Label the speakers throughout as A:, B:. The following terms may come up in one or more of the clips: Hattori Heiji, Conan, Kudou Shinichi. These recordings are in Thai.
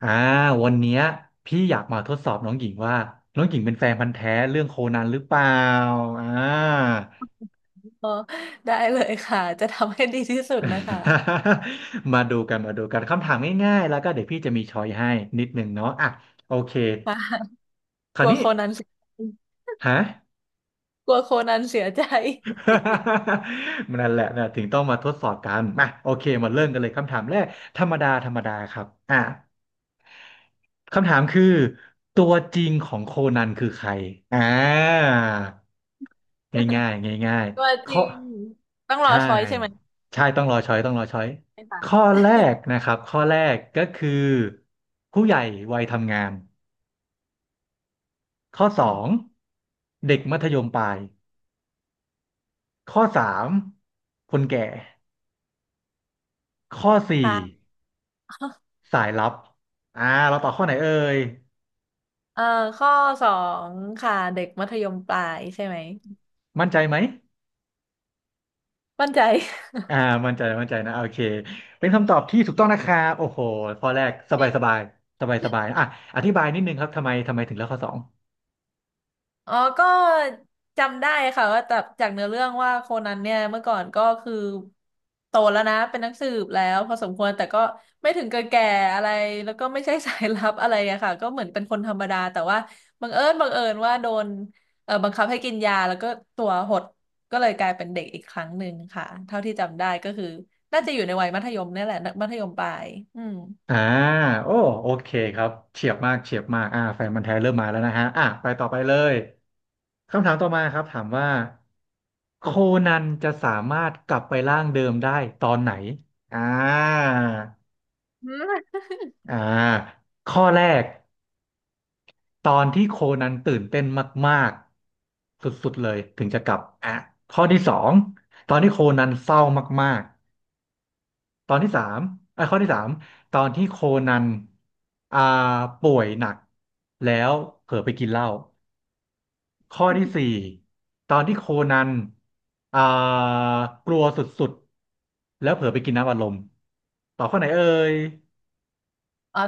A: อ่าวันเนี้ยพี่อยากมาทดสอบน้องหญิงว่าน้องหญิงเป็นแฟนพันธุ์แท้เรื่องโคนันหรือเปล่าอ่า
B: อ๋อได้เลยค่ะจะทำให้ดีที่สุดนะคะ
A: มาดูกันมาดูกันคำถามง่ายๆแล้วก็เดี๋ยวพี่จะมีช้อยให้นิดนึงเนาะอ่ะโอเค
B: ค่ะ
A: ค
B: ก
A: ราว
B: ลัว
A: นี้
B: โคนันเสีย
A: ฮะ
B: กลัวโคนันเสียใจ
A: นั่นแหละนะถึงต้องมาทดสอบกันมาโอเคมาเริ่มกันเลยคำถามแรกธรรมดาธรรมดาครับอ่ะคำถามคือตัวจริงของโคนันคือใครอ่า ง่ายๆง่าย
B: ตัว
A: ๆ
B: จ
A: ข้อ
B: ริงต้องรอ
A: ใช่
B: ช้อยใช่ไหม
A: ใช่ต้องรอช้อยต้องรอช้อย
B: ใช่
A: ข้อ
B: ค่ะ
A: แรกนะครับข้อแรกก็คือผู้ใหญ่วัยทำงานข้อส
B: อื
A: อ
B: ม
A: งเด็กมัธยมปลายข้อสามคนแก่ข้อสี่
B: ค่ะ
A: สายลับอ่าเราตอบข้อไหนเอ่ย
B: เอ่อข้อสองค่ะเด็กมัธยมปลายใช่ไหม
A: มั่นใจไหม
B: มั่นใจ
A: อ่ามั่นใจมั่นใจนะโอเคเป็นคำตอบที่ถูกต้องนะครับโอ้โหข้อแรกสบายสบายสบายสบายอ่ะอธิบายนิดนึงครับทำไมถึงเลือกข้อสอง
B: อ๋อก็จำได้ค่ะว่าจากเนื้อเรื่องว่าโคนันเนี่ยเมื่อก่อนก็คือโตแล้วนะเป็นนักสืบแล้วพอสมควรแต่ก็ไม่ถึงกับแก่อะไรแล้วก็ไม่ใช่สายลับ อะไรอะค่ะก็เหมือนเป็นคนธรรมดาแต่ว่าบังเอิญว่าโดนบังคับให้กินยาแล้วก็ตัวหดก็เลยกลายเป็นเด็กอีกครั้งหนึ่งค่ะเท่าที่จำได้ก็คือน่าจะอยู่ในวัยมัธยมเนี่ยแหละมัธยมปลายอืม
A: อ่าโอ้โอเคครับเฉียบมากเฉียบมากแฟนมันธุ์แท้เริ่มมาแล้วนะฮะอ่ะไปต่อไปเลยคำถามต่อมาครับถามว่าโคนันจะสามารถกลับไปร่างเดิมได้ตอนไหนอ่า
B: อืม
A: อ่าข้อแรกตอนที่โคนันตื่นเต้นมากๆสุดๆเลยถึงจะกลับอ่ะข้อที่สองตอนที่โคนันเศร้ามาก ตอนที่สามอ่ะข้อที่สามตอนที่โคนันอ่าป่วยหนักแล้วเผลอไปกินเหล้าข้อที่สี่ตอนที่โคนันอ่ากลัวสุดๆแล้วเผลอไปกินน้ำอัดลมต่อบข้อไหนเอ่ย
B: อ๋อ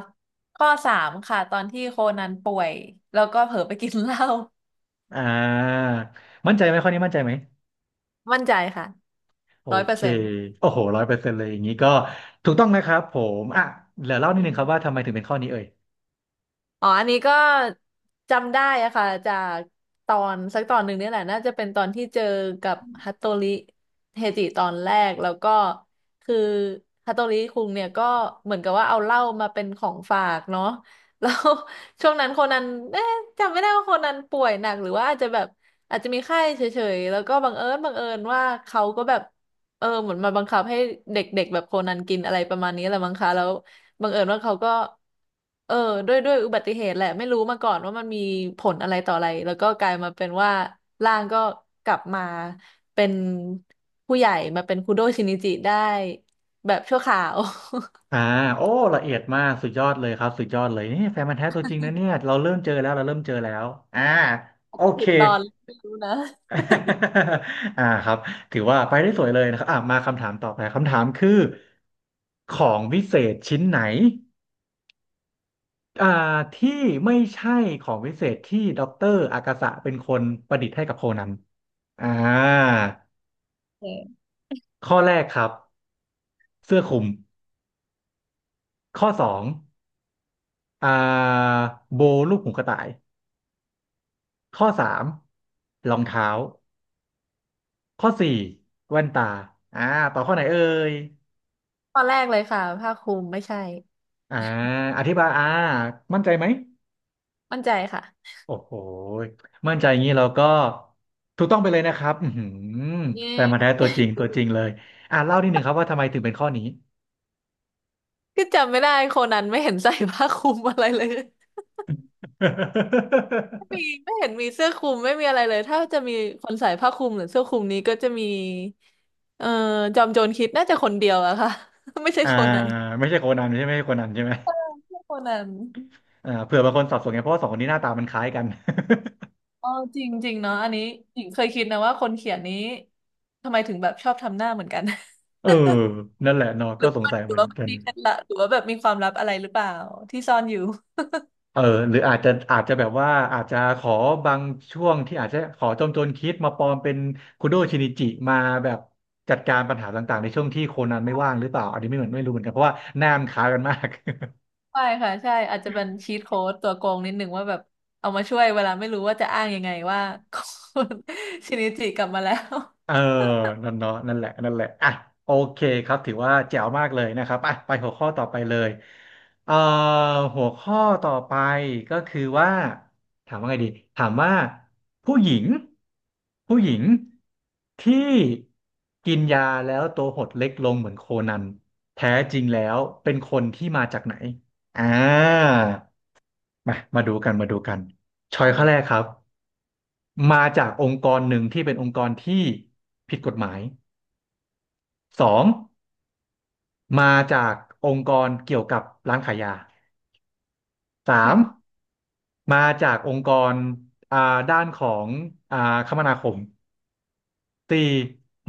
B: ข้อสามค่ะตอนที่โคนันป่วยแล้วก็เผลอไปกินเหล้า
A: อ่ามั่นใจไหมข้อนี้มั่นใจไหม
B: มั่นใจค่ะ
A: โอ
B: ร้อยเปอ
A: เค
B: ร์เซ็นต์
A: โอ้โหร้อยเปอร์เซ็นต์เลยอย่างนี้ก็ถูกต้องนะครับผมอ่ะเดี๋ยวเล่านิ
B: อื
A: ดนึง
B: ม
A: ครับว่าทำไมถึงเป็นข้อนี้เอ่ย
B: อ๋ออันนี้ก็จำได้อะค่ะจากตอนสักตอนหนึ่งเนี่ยแหละน่าจะเป็นตอนที่เจอกับฮัตโตริเฮจิตอนแรกแล้วก็คือฮัตโตริคุงเนี่ยก็เหมือนกับว่าเอาเหล้ามาเป็นของฝากเนาะ แล้ว ช่วงนั้นโคนันเอ๊ะจำไม่ได้ว่าโคนันป่วยหนักหรือว่าอาจจะแบบอาจจะมีไข้เฉยๆแล้วก็บังเอิญว่าเขาก็แบบเออเหมือนมาบังคับให้เด็กๆแบบโคนันกินอะไรประมาณนี้แหละมั้งคะแล้ว บังเอิญว่าเขาก็เออด้วยอุบัติเหตุแหละไม่รู้มาก่อนว่ามันมีผลอะไรต่ออะไรแล้วก็กลายมาเป็นว่าร่างก็กลับมาเป็นผู้ใหญ่มาเป็นคุโดะชินิจิได้แบบชั่วคราว
A: อ่าโอ้ละเอียดมากสุดยอดเลยครับสุดยอดเลยนี่แฟนมันธุ์แท้ตัวจริงนะเนี่ยเราเริ่มเจอแล้วเราเริ่มเจอแล้วอ่า
B: อา
A: โอ
B: จจะ
A: เค
B: ผิดตอนไม่รู้นะ
A: ครับถือว่าไปได้สวยเลยนะครับอ่ามาคำถามต่อไปคำถามคือของวิเศษชิ้นไหนอ่าที่ไม่ใช่ของวิเศษที่ด็อกเตอร์อากาสะเป็นคนประดิษฐ์ให้กับโคนันอ่า
B: เออ
A: ข้อแรกครับเสื้อคลุมข้อสองอ่าโบลูกหูกระต่าย ข้อสามรองเท้าข้อสี่แว่นตาอ่าต่อข้อไหนเอ่ย
B: ตอนแรกเลยค่ะผ้าคลุมไม่ใช่
A: อ่าอธิบายมั่นใจไหม
B: มั่นใจค่ะ
A: โอ้โหมั่นใจอย่างนี้เราก็ถูกต้องไปเลยนะครับอือหือ
B: เย
A: แฟนมาแท้
B: ้
A: ตัวจริงตัวจริงเลยอ่าเล่านิดนึงครับว่าทำไมถึงเป็นข้อนี้
B: คือจำไม่ได้โคนันไม่เห็นใส่ผ้าคลุมอะไรเลย มี ไม่เห็นมีเสื้อคลุมไม่มีอะไรเลยถ้าจะมีคนใส่ผ้าคลุมหรือเสื้อคลุมนี้ก็จะมีเอ่อจอมโจรคิดน่าจะคนเดียวอะค่ะ ไม่ใช่
A: อ่า
B: โคนนั้น
A: ไม่ใช่โคนันใช่ไหมไม่ใช่โคนันใช่ไหม
B: ไม่ใช่โคนนั้น
A: อ่าเผื่อบางคนสับสนไงเพราะว่าสองคนนี้หน้าตามันคล้ายกัน
B: อ๋อจริงจริงเนาะอันนี้หญิงเคยคิดนะว่าคนเขียนนี้ทำไมถึงแบบชอบทำหน้าเหมือนกัน
A: เออนั่นแหละเนาะ
B: ห
A: ก็
B: รือ
A: สง
B: ว่ามัน
A: สัย
B: ห
A: เห
B: รือ
A: มือน
B: ว่ามัน
A: กัน
B: มีเคล็ดลับหรือว่าแบบมีความลับอะไรหรือเปล่าที่ซ่อนอยู่
A: เออหรืออาจจะแบบว่าอาจจะขอบางช่วงที่อาจจะขอจอมโจรคิดมาปลอมเป็นคุโดชินิจิมาแบบจัดการปัญหาต่างๆในช่วงที่โคนันไม่ว่างหรือเปล่าอันนี้ไม่เหมือนไม่รู้เหมือนกันเพราะว่าหน้ามันคล้ายกันมาก
B: ใช่ค่ะใช่อาจจะเป็นชีทโค้ดตัวโกงนิดนึงว่าแบบเอามาช่วยเวลาไม่รู้ว่าจะอ้างยังไงว่า คชินิจิกลับมาแล้ว
A: เออนั่นเนาะนั่นแหละนั่นแหละอ่ะโอเคครับถือว่าแจ๋วมากเลยนะครับอ่ะไปหัวข้อต่อไปเลยเอ่อหัวข้อต่อไปก็คือว่าถามว่าไงดีถามว่าผู้หญิงผู้หญิงที่กินยาแล้วตัวหดเล็กลงเหมือนโคนันแท้จริงแล้วเป็นคนที่มาจากไหนอ่ามามาดูกันมาดูกันช้อยข้อแรกครับมาจากองค์กรหนึ่งที่เป็นองค์กรที่ผิดกฎหมาย สองมาจากองค์กรเกี่ยวกับร้านขายยาสามมาจากองค์กรอ่าด้านของอ่าคมนาคมสี่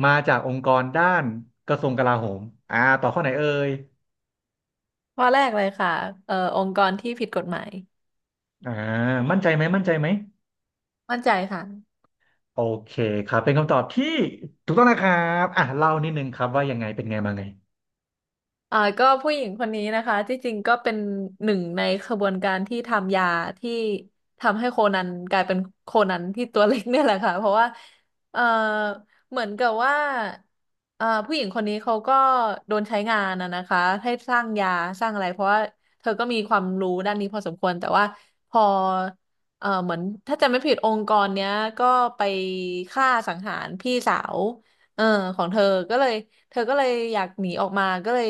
A: มาจากองค์กรด้านกระทรวงกลาโหมอ่าต่อข้อไหนเอ่ย
B: ข้อแรกเลยค่ะองค์กรที่ผิดกฎหมาย
A: อ่ามั่นใจไหมมั่นใจไหม
B: มั่นใจค่ะ
A: โอเคครับเป็นคำตอบที่ถูกต้องนะครับอ่ะเล่านิดนึงครับว่ายังไงเป็นไงมาไง
B: ก็ผู้หญิงคนนี้นะคะที่จริงก็เป็นหนึ่งในขบวนการที่ทำยาที่ทำให้โคนันกลายเป็นโคนันที่ตัวเล็กเนี่ยแหละค่ะเพราะว่าเอ่อเหมือนกับว่าผู้หญิงคนนี้เขาก็โดนใช้งานนะคะให้สร้างยาสร้างอะไรเพราะว่าเธอก็มีความรู้ด้านนี้พอสมควรแต่ว่าพอเออเหมือนถ้าจำไม่ผิดองค์กรเนี้ยก็ไปฆ่าสังหารพี่สาว เออของเธอก็เลยเธอก็เลยอยากหนีออกมาก็เลย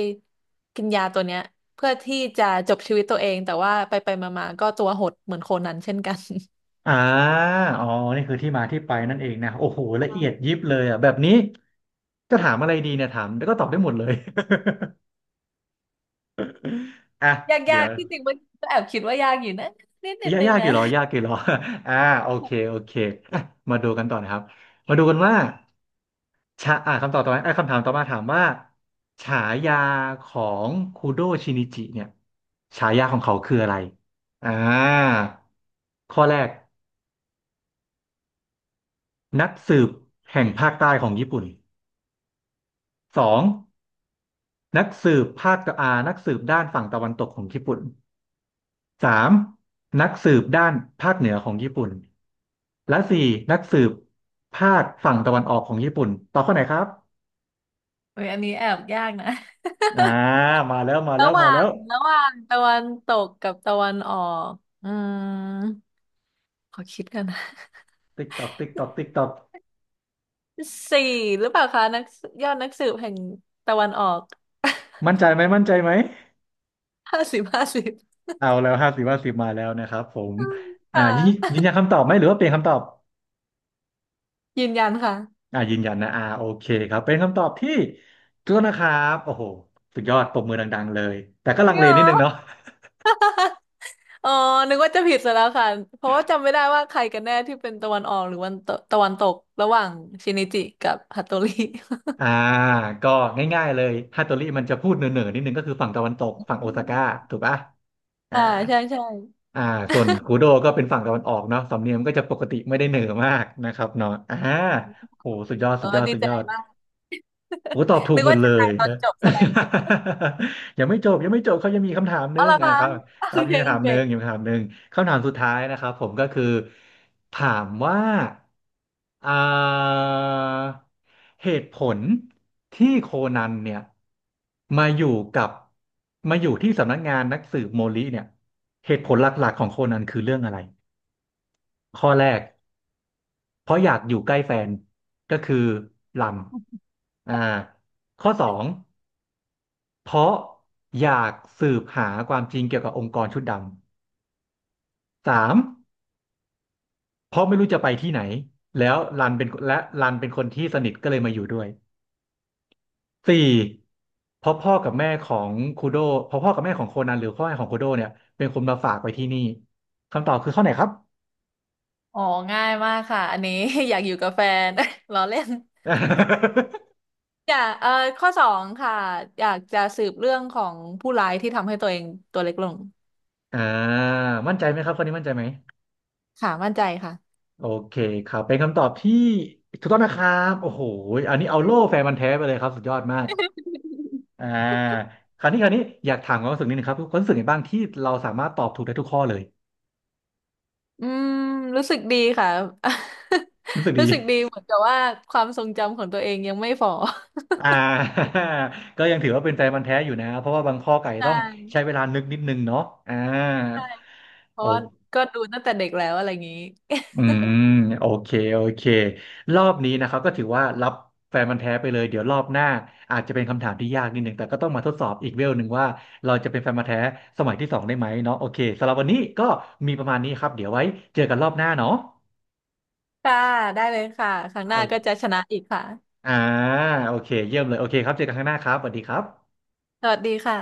B: กินยาตัวเนี้ยเพื่อที่จะจบชีวิตตัวเองแต่ว่าไปไปมามาๆก็ตัวหดเหมือนโคนันเช่นกัน
A: อ่าอ๋อนี่คือที่มาที่ไปนั่นเองนะโอ้โหละเอียดยิ บเลยอ่ะแบบนี้จะถามอะไรดีเนี่ยถามแล้วก็ตอบได้หมดเลย อ่ะ
B: ยาก
A: เดี๋
B: ยา
A: ย
B: ก
A: ว
B: ที่จริงมันก็แอบคิดว่ายากอยู่นะนิด
A: ยาก
B: นึง
A: ยากอ
B: นะ
A: ยู่หรอยากกี่หรอ อ่าโอเคโอเคอ่ะมาดูกันต่อนะครับมาดูกันว่าชาอ่าคำตอบต่อมาไปอ้คำถามต่อมาถามว่าฉายาของคูโดชินิจิเนี่ยฉายาของเขาคืออะไรอ่าข้อแรกนักสืบแห่งภาคใต้ของญี่ปุ่นสองนักสืบภาคตะอานักสืบด้านฝั่งตะวันตกของญี่ปุ่น สามนักสืบด้านภาคเหนือของญี่ปุ่นและสี่นักสืบภาคฝั่งตะวันออกของญี่ปุ่นตอบข้อไหนครับ
B: โอ้ยอันนี้แอบยากนะ
A: อ่ามาแล้วมาแล้
B: ระ
A: ว
B: ห
A: มา
B: ว่า
A: แล้
B: ง
A: ว
B: ระหว่างตะวันตกกับตะวันออกอืมขอคิดกันนะ
A: ติ๊กตอกติ๊กตอกติ๊กตอก
B: สี่หรือเปล่าคะนักยอดนักสืบแห่งตะวันออก
A: มั่นใจไหมมั่นใจไหม
B: 50 50
A: เอาแล้วห้าสิบห้าสิบมาแล้วนะครับผม
B: ค่ะ
A: ยืนนยันคำตอบไหมหรือว่าเปลี่ยนคำตอบ
B: ยืนยันค่ะ
A: ยืนยันนะโอเคครับเป็นคำตอบที่ถูกต้องนะครับโอ้โหสุดยอดปรบมือดังๆเลยแต่ก็
B: จ
A: ลั
B: ริ
A: ง
B: ง
A: เล
B: เหรอ
A: นิดนึงเนาะ
B: อ๋อนึกว่าจะผิดซะแล้วค่ะเพราะว่าจำไม่ได้ว่าใครกันแน่ที่เป็นตะวันออกหรือวันตะตะวันตกระหว่างชินิจิกับฮัตโตริ
A: อ่าก็ง่ายๆเลยฮัตโตริมันจะพูดเหน่อๆนิดนึงก็คือฝั่งตะวันตก ฝั่งโอ
B: อื
A: ซาก้า
B: ม
A: ถูกปะอ่า
B: อ่าใช่ใช่
A: อ่าส่วนคูโดก็เป็นฝั่งตะวันออกเนาะสำเนียงมันก็จะปกติไม่ได้เหน่อมากนะครับเนาะโหสุดยอด
B: เอ
A: สุ
B: อ
A: ดยอด
B: ดี
A: สุด
B: ใจ
A: ยอด
B: มาก
A: โอ้ตอบถูก
B: นึก
A: หมด
B: ว่า
A: เล
B: จะตา
A: ย
B: ยตอ
A: นะ
B: นจบซะแล้ว
A: ยังไม่จบยังไม่จบเขายังมีคำถามหนึ
B: เอา
A: ง
B: ละ
A: อ่ะ
B: ค่ะ
A: ครับ
B: โอ
A: ครับยั
B: เค
A: งมีคำ
B: โอ
A: ถาม
B: เค
A: หนึงยังมีคำถามหนึงคำถามสุดท้ายนะครับผมก็คือถามว่าอ่าเหตุผลที่โคนันเนี่ยมาอยู่กับมาอยู่ที่สำนักงานนักสืบโมริเนี่ยเหตุผลหลักๆของโคนันคือเรื่องอะไร ข้อแรกเพราะอยากอยู่ใกล้แฟนก็คือลำอ่าข้อสองเพราะอยากสืบหาความจริงเกี่ยวกับองค์กรชุดดำสามเพราะไม่รู้จะไปที่ไหนแล้วรันเป็นคนที่สนิทก็เลยมาอยู่ด้วยสี่เพราะพ่อกับแม่ของคูโดเพราะพ่อกับแม่ของโคนันหรือพ่อแม่ของคูโดเนี่ยเป็นคนมาฝากไว้ที่นี่คำตอบคือข้อไหนครับ
B: อ๋อง่ายมากค่ะอันนี้ อยากอยู่กับแฟน ล้อเล่น อยากเออข้อสองค่ะอยากจะสืบเรื่องของผู้ร้ายที่ทำให้ตัวเองตัวเล็กลง
A: อ่ามั่นใจไหมครับข้อนี้มั่นใจไหม
B: ค่ะมั่นใจค่ะ
A: โอเคครับเป็นคำตอบที่ถูกต้องนะครับโอ้โหอันนี้เอา
B: อื
A: โล่แฟนมันธุ์
B: ม
A: แท้ไปเลยครับสุดยอดมากอ่าคราวนี้คราวนี้อยากถามความรู้สึกนิดนึงครับความรู้สึกไงบ้างที่เราสามารถตอบถูกได้ทุกข้อเลย
B: อืมรู้สึกดีค่ะ
A: รู้สึก
B: รู้
A: ดี
B: สึกดีเหมือนกับว่าความทรงจำของตัวเองยังไม่ฝ่อ
A: อ่า ก็ยังถือว่าเป็นแฟนมันธุ์แท้อยู่นะเพราะว่าบางข้อไก่
B: ใช
A: ต้อง
B: ่
A: ใช้เวลานึกนิดนึงเนาะอ่า
B: เพราะว่า
A: โอ
B: ก็ดูตั้งแต่เด็กแล้วอะไรอย่างนี้
A: อืมโอเคโอเครอบนี้นะครับก็ถือว่ารับแฟนมันธุ์แท้ไปเลยเดี๋ยวรอบหน้าอาจจะเป็นคำถามที่ยากนิดหนึ่งแต่ก็ต้องมาทดสอบอีกเวลหนึ่งว่าเราจะเป็นแฟนมันธุ์แท้สมัยที่สองได้ไหมเนาะโอเคสำหรับวันนี้ก็มีประมาณนี้ครับเดี๋ยวไว้เจอกันรอบหน้าเนาะ
B: ค่ะได้เลยค่ะครั้งหน้าก็จะ
A: เอา
B: ชนะอีกค่ะ
A: อ่าโอเคเยี่ยมเลยโอเคครับเจอกันข้างหน้าครับสวัสดีครับ
B: สวัสดีค่ะ